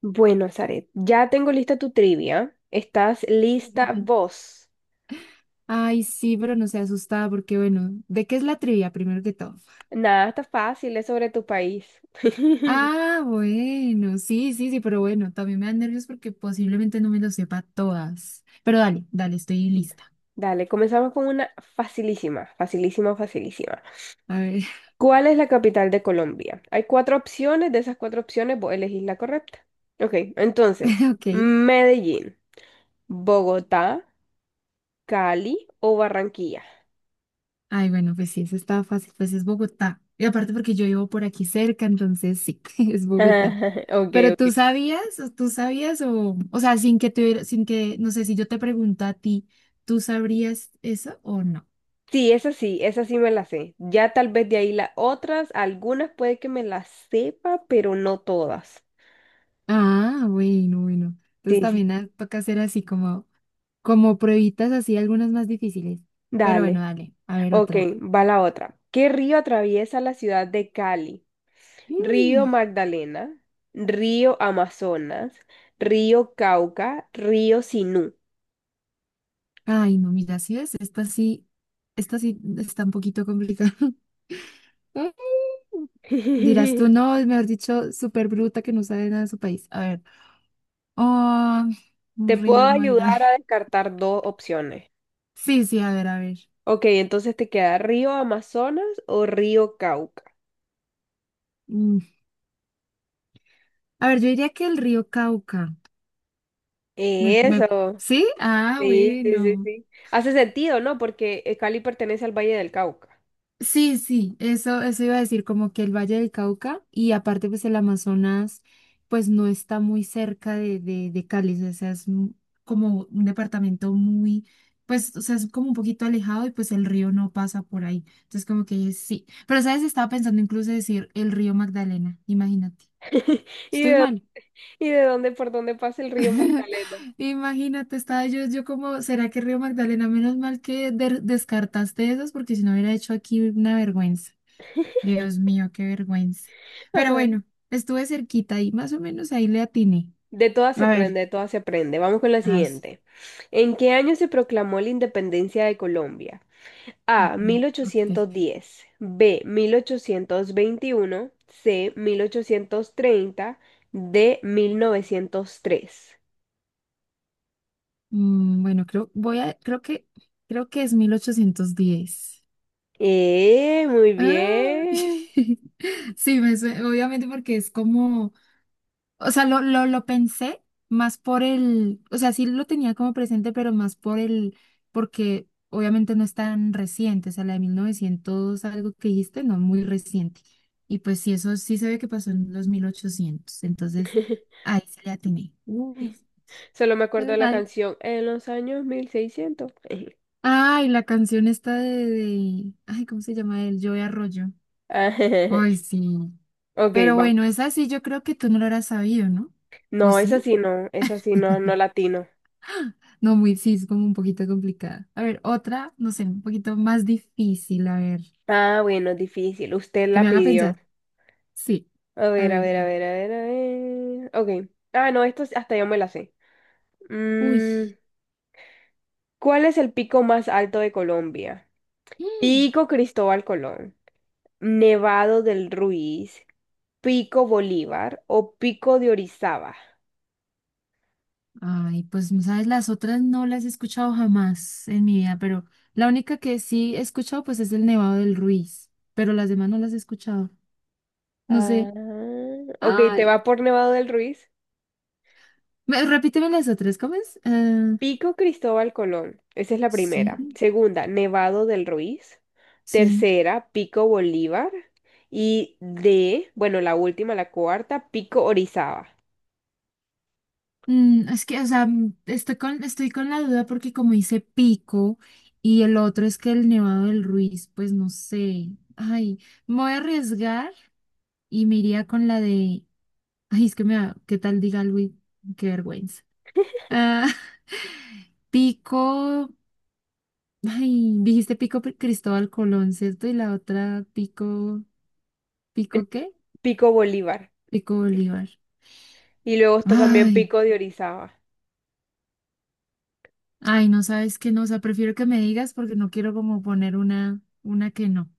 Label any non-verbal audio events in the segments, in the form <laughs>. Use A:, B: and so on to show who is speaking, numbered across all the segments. A: Bueno, Zaret, ya tengo lista tu trivia. ¿Estás lista
B: <laughs>
A: vos?
B: Ay, sí, pero no se asustada porque, bueno, ¿de qué es la trivia primero que todo?
A: Nada, está fácil, es sobre tu país. <laughs>
B: Ah, bueno, sí, sí, sí, pero bueno, también me dan nervios porque posiblemente no me lo sepa todas. Pero dale, dale, estoy lista.
A: Dale, comenzamos con una facilísima, facilísima, facilísima.
B: A ver,
A: ¿Cuál es la capital de Colombia? Hay cuatro opciones, de esas cuatro opciones vos elegís la correcta. Ok,
B: <laughs>
A: entonces,
B: ok.
A: Medellín, Bogotá, Cali o Barranquilla.
B: Ay, bueno, pues sí, eso está fácil, pues es Bogotá. Y aparte porque yo vivo por aquí cerca, entonces sí, <laughs> es Bogotá.
A: <laughs> Ok,
B: Pero
A: ok,
B: tú sabías, o tú sabías, o sea, sin que tuviera, sin que, no sé, si yo te pregunto a ti, ¿tú sabrías eso o no?
A: sí, esa sí, esa sí me la sé. Ya tal vez de ahí las otras, algunas puede que me las sepa, pero no todas.
B: Ah, bueno, bueno. Entonces
A: Sí, sí.
B: también toca hacer así como pruebitas así, algunas más difíciles. Pero bueno,
A: Dale.
B: dale, a ver
A: Ok,
B: otra.
A: va la otra. ¿Qué río atraviesa la ciudad de Cali? Río
B: Uy,
A: Magdalena, río Amazonas, río Cauca, río Sinú.
B: ay, no, mira, si es esta sí está un poquito complicada. <laughs> Dirás tú,
A: <laughs>
B: no, es mejor dicho, súper bruta que no sabe nada de su país. A ver. Oh, un
A: Te puedo
B: río Magda.
A: ayudar a
B: <laughs>
A: descartar dos opciones.
B: Sí, sí, a ver, a ver.
A: Ok, entonces te queda río Amazonas o río Cauca.
B: Mm, A ver, yo diría que el río Cauca. Me...
A: Eso.
B: ¿Sí? Ah,
A: Sí, sí, sí,
B: bueno.
A: sí. Hace sentido, ¿no? Porque Cali pertenece al Valle del Cauca.
B: Sí, sí, eso iba a decir, como que el Valle del Cauca y aparte pues el Amazonas pues no está muy cerca de Cali, o sea, como un departamento muy, pues, o sea, es como un poquito alejado y pues el río no pasa por ahí. Entonces como que sí, pero sabes, estaba pensando incluso decir el río Magdalena, imagínate,
A: <laughs> ¿Y
B: estoy
A: de,
B: mal.
A: ¿Y de dónde, por dónde pasa el río
B: <laughs>
A: Magdalena?
B: Imagínate, estaba yo como, ¿será que Río Magdalena? Menos mal que descartaste esas porque si no hubiera hecho aquí una vergüenza. Dios mío, qué vergüenza. Pero
A: Ah,
B: bueno, estuve cerquita y más o menos ahí le atiné.
A: de todas se
B: A ver,
A: aprende, de todas se aprende. Vamos con la
B: ay, sí.
A: siguiente. ¿En qué año se proclamó la independencia de Colombia? A.
B: Mm,
A: mil
B: ok.
A: ochocientos diez, B. 1821, C. 1830, D. 1903.
B: Bueno, creo, creo que, es 1810.
A: Muy
B: Ay.
A: bien.
B: <laughs> Sí, obviamente porque es como, o sea, lo pensé más por el, o sea, sí lo tenía como presente, pero más por el, porque obviamente no es tan reciente, o sea, la de 1900 algo que dijiste, no, muy reciente. Y pues sí, eso sí se ve que pasó en los mil ochocientos, entonces
A: <laughs>
B: ahí se le atiné. Uy,
A: Solo me acuerdo
B: pero
A: de la
B: mal.
A: canción en los años 1600. <laughs>
B: Ay, la canción esta de, ay, ¿cómo se llama? El Joe Arroyo.
A: Ah, <laughs>
B: Ay, sí.
A: Ok,
B: Pero
A: va.
B: bueno, esa sí yo creo que tú no lo habrás sabido, ¿no? ¿O
A: No, esa
B: sí?
A: sí no, esa sí no, no latino.
B: No, muy, sí, es como un poquito complicada. A ver, otra, no sé, un poquito más difícil, a ver,
A: Ah, bueno, difícil. Usted
B: que
A: la
B: me haga
A: pidió.
B: pensar. Sí,
A: A
B: a
A: ver, a
B: ver,
A: ver, a ver, a ver, a ver. Ok. Ah, no, esto sí hasta yo me la sé.
B: uy.
A: Mm, ¿cuál es el pico más alto de Colombia?
B: Mm.
A: Pico Cristóbal Colón, Nevado del Ruiz, Pico Bolívar o Pico de Orizaba.
B: Ay, pues, no ¿sabes? Las otras no las he escuchado jamás en mi vida, pero la única que sí he escuchado, pues, es el Nevado del Ruiz, pero las demás no las he escuchado. No
A: Ah,
B: sé.
A: ok, te
B: Ay,
A: va por Nevado del Ruiz.
B: repíteme las otras, ¿cómo es?
A: Pico Cristóbal Colón. Esa es la primera.
B: Sí,
A: Segunda, Nevado del Ruiz.
B: sí.
A: Tercera, Pico Bolívar. Y de, bueno, la última, la cuarta, Pico Orizaba.
B: Es que, o sea, estoy con, la duda porque como dice Pico y el otro es que el Nevado del Ruiz, pues no sé. Ay, me voy a arriesgar y me iría con la de... Ay, es que ¿qué tal diga Luis? Qué vergüenza. Ah, <laughs> Pico... Ay, dijiste Pico Cristóbal Colón, ¿cierto? Y la otra Pico...
A: Eh,
B: ¿Pico qué?
A: Pico Bolívar.
B: Pico Bolívar.
A: Y luego está también
B: Ay.
A: Pico de Orizaba.
B: Ay, no sabes qué no, o sea, prefiero que me digas porque no quiero como poner una que no. O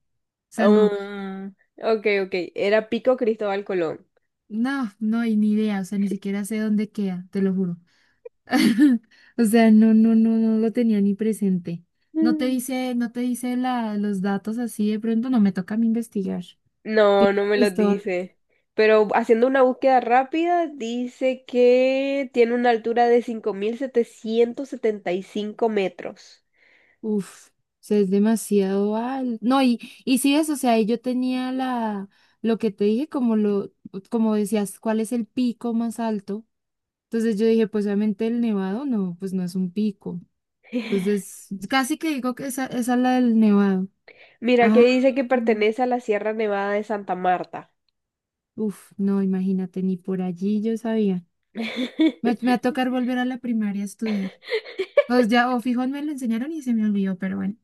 B: sea, no,
A: Um, ok, ok. Era Pico Cristóbal Colón.
B: no, no hay ni idea, o sea, ni siquiera sé dónde queda, te lo juro. <laughs> O sea, no, no, no, no lo tenía ni presente. No te
A: Mm.
B: dice, no te dice los datos así de pronto, no me toca a mí investigar.
A: No, no me los
B: Cristóbal,
A: dice. Pero haciendo una búsqueda rápida, dice que tiene una altura de 5775 metros.
B: uf, o sea, es demasiado al... No, y sí es, o sea, ahí yo tenía la, lo que te dije, como decías, cuál es el pico más alto. Entonces yo dije, pues obviamente el nevado no, pues no es un pico.
A: <laughs>
B: Entonces casi que digo que esa es la del nevado.
A: Mira que
B: Ah,
A: dice que pertenece a la Sierra Nevada de Santa Marta.
B: uf, no, imagínate, ni por allí yo sabía. Me va a
A: <laughs>
B: tocar volver a la primaria a estudiar. Pues ya, o fijo, me lo enseñaron y se me olvidó, pero bueno.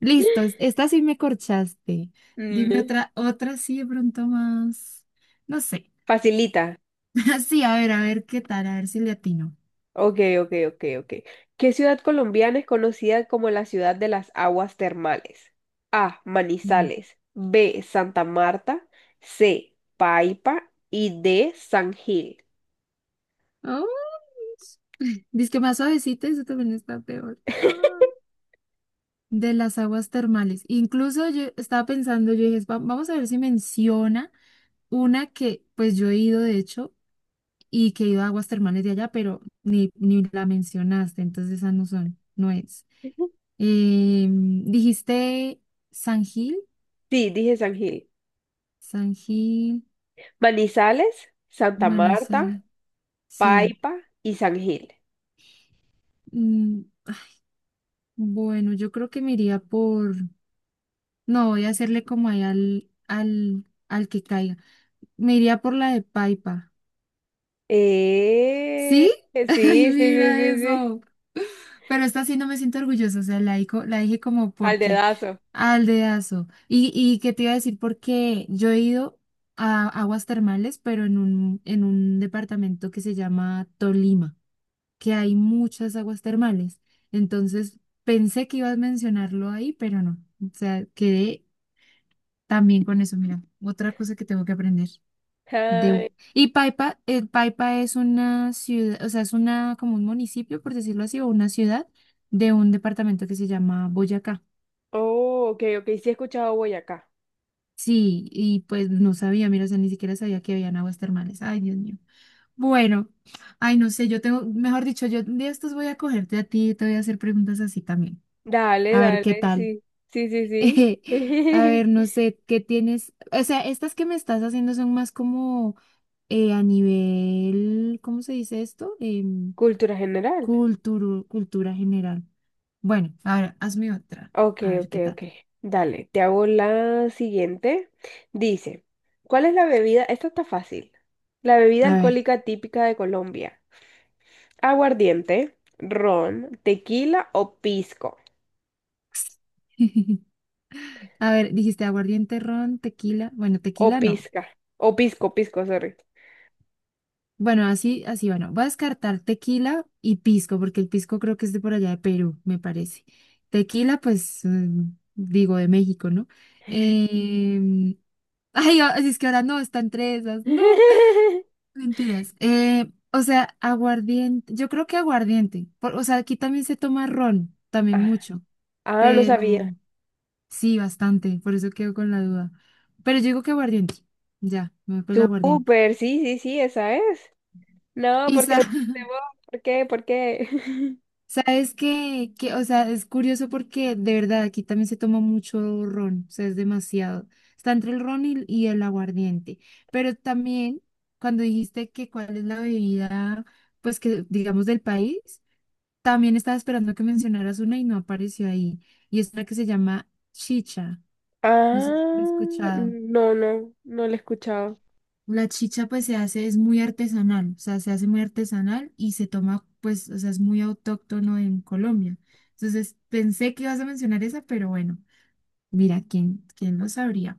B: Listo, esta sí me corchaste. Dime
A: Mm,
B: otra, otra sí de pronto más. No sé.
A: facilita.
B: <laughs> Sí, a ver qué tal, a ver si le atino.
A: Ok, ok, ok, ok. ¿Qué ciudad colombiana es conocida como la ciudad de las aguas termales? A.
B: Mm.
A: Manizales. B. Santa Marta. C. Paipa. Y D. San Gil.
B: Oh, dice que más suavecita, eso también está peor. De las aguas termales. Incluso yo estaba pensando, yo dije, Vamos a ver si menciona una que pues yo he ido de hecho y que he ido a aguas termales de allá, pero ni la mencionaste, entonces esa no son, no es".
A: Sí,
B: Dijiste San Gil,
A: dije San Gil.
B: San Gil,
A: Manizales, Santa Marta,
B: Manizal, sí.
A: Paipa y San Gil.
B: Mm, bueno, yo creo que me iría por, no, voy a hacerle como ahí al que caiga. Me iría por la de Paipa.
A: Eh,
B: ¿Sí?
A: sí,
B: <laughs> Ay,
A: sí, sí,
B: mira
A: sí, sí.
B: eso. Pero esta sí no me siento orgullosa, o sea, la dije como
A: Al
B: porque
A: dedazo.
B: al dedazo. Y qué te iba a decir, porque yo he ido a aguas termales, pero en un departamento que se llama Tolima, que hay muchas aguas termales. Entonces pensé que ibas a mencionarlo ahí, pero no. O sea, quedé también con eso. Mira, otra cosa que tengo que aprender. De...
A: Ay,
B: Y Paipa, Paipa es una ciudad, o sea, es una como un municipio, por decirlo así, o una ciudad de un departamento que se llama Boyacá.
A: oh, ok, ok. Sí he escuchado Boyacá.
B: Sí, y pues no sabía, mira, o sea, ni siquiera sabía que habían aguas termales. Ay, Dios mío. Bueno, ay, no sé, yo tengo, mejor dicho, yo de estos voy a cogerte a ti y te voy a hacer preguntas así también.
A: Dale,
B: A ver, ¿qué
A: dale,
B: tal?
A: sí. Sí, sí,
B: <laughs> A
A: sí.
B: ver,
A: <laughs>
B: no sé, ¿qué tienes? O sea, estas que me estás haciendo son más como a nivel, ¿cómo se dice esto?
A: Cultura general.
B: Cultura general. Bueno, ahora hazme otra.
A: Ok,
B: A ver
A: ok,
B: qué tal.
A: ok. Dale, te hago la siguiente. Dice, ¿cuál es la bebida? Esta está fácil. La bebida
B: A ver.
A: alcohólica típica de Colombia. Aguardiente, ron, tequila o pisco.
B: <laughs> A ver, dijiste aguardiente, ron, tequila. Bueno,
A: O
B: tequila no.
A: pizca. O pisco, pisco, sorry.
B: Bueno, así, así, bueno. Voy a descartar tequila y pisco, porque el pisco creo que es de por allá de Perú, me parece. Tequila, pues, digo, de México, ¿no? Em, <laughs> Ay, es que ahora no, están entre esas. No.
A: <laughs>
B: Mentiras. O sea, aguardiente. Yo creo que aguardiente. O sea, aquí también se toma ron, también
A: Ah,
B: mucho.
A: ah, no sabía.
B: Pero sí, bastante. Por eso quedo con la duda. Pero yo digo que aguardiente. Ya, me voy por el aguardiente.
A: Súper, sí, sí, sí, esa es. ¿No,
B: Y
A: porque dudaste
B: <laughs>
A: vos? ¿Por qué? ¿Por qué? <laughs>
B: sabes que, o sea, es curioso porque de verdad aquí también se toma mucho ron. O sea, es demasiado. Está entre el ron y el aguardiente. Pero también, cuando dijiste que cuál es la bebida, pues que digamos del país. También estaba esperando que mencionaras una y no apareció ahí. Y es la que se llama chicha. No sé si lo he
A: Ah,
B: escuchado.
A: no, no, no la he escuchado.
B: La chicha pues se hace, es muy artesanal, o sea, se hace muy artesanal y se toma pues, o sea, es muy autóctono en Colombia. Entonces pensé que ibas a mencionar esa, pero bueno, mira, ¿quién lo sabría?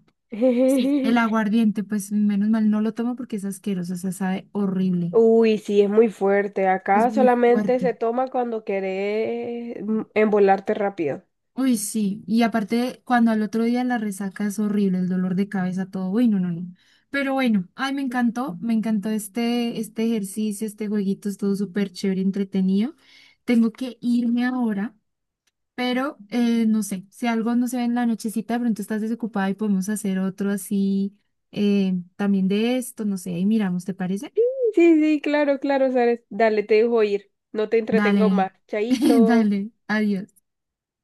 B: Sí, el
A: <laughs>
B: aguardiente, pues menos mal no lo tomo porque es asqueroso, o sea, sabe horrible.
A: Uy, sí, es muy fuerte.
B: Es
A: Acá
B: muy
A: solamente se
B: fuerte.
A: toma cuando querés embolarte rápido.
B: Uy, sí, y aparte cuando al otro día la resaca es horrible, el dolor de cabeza, todo, uy, no, no, no. Pero bueno, ay, me encantó este ejercicio, este jueguito, es todo súper chévere, entretenido. Tengo que irme ahora, pero no sé, si algo no se ve en la nochecita, de pronto estás desocupada y podemos hacer otro así, también de esto, no sé, ahí miramos, ¿te parece?
A: Sí, sí, claro, claro, Sares. Dale, te dejo ir. No te entretengo más.
B: Dale, <laughs>
A: Chaito.
B: dale, adiós.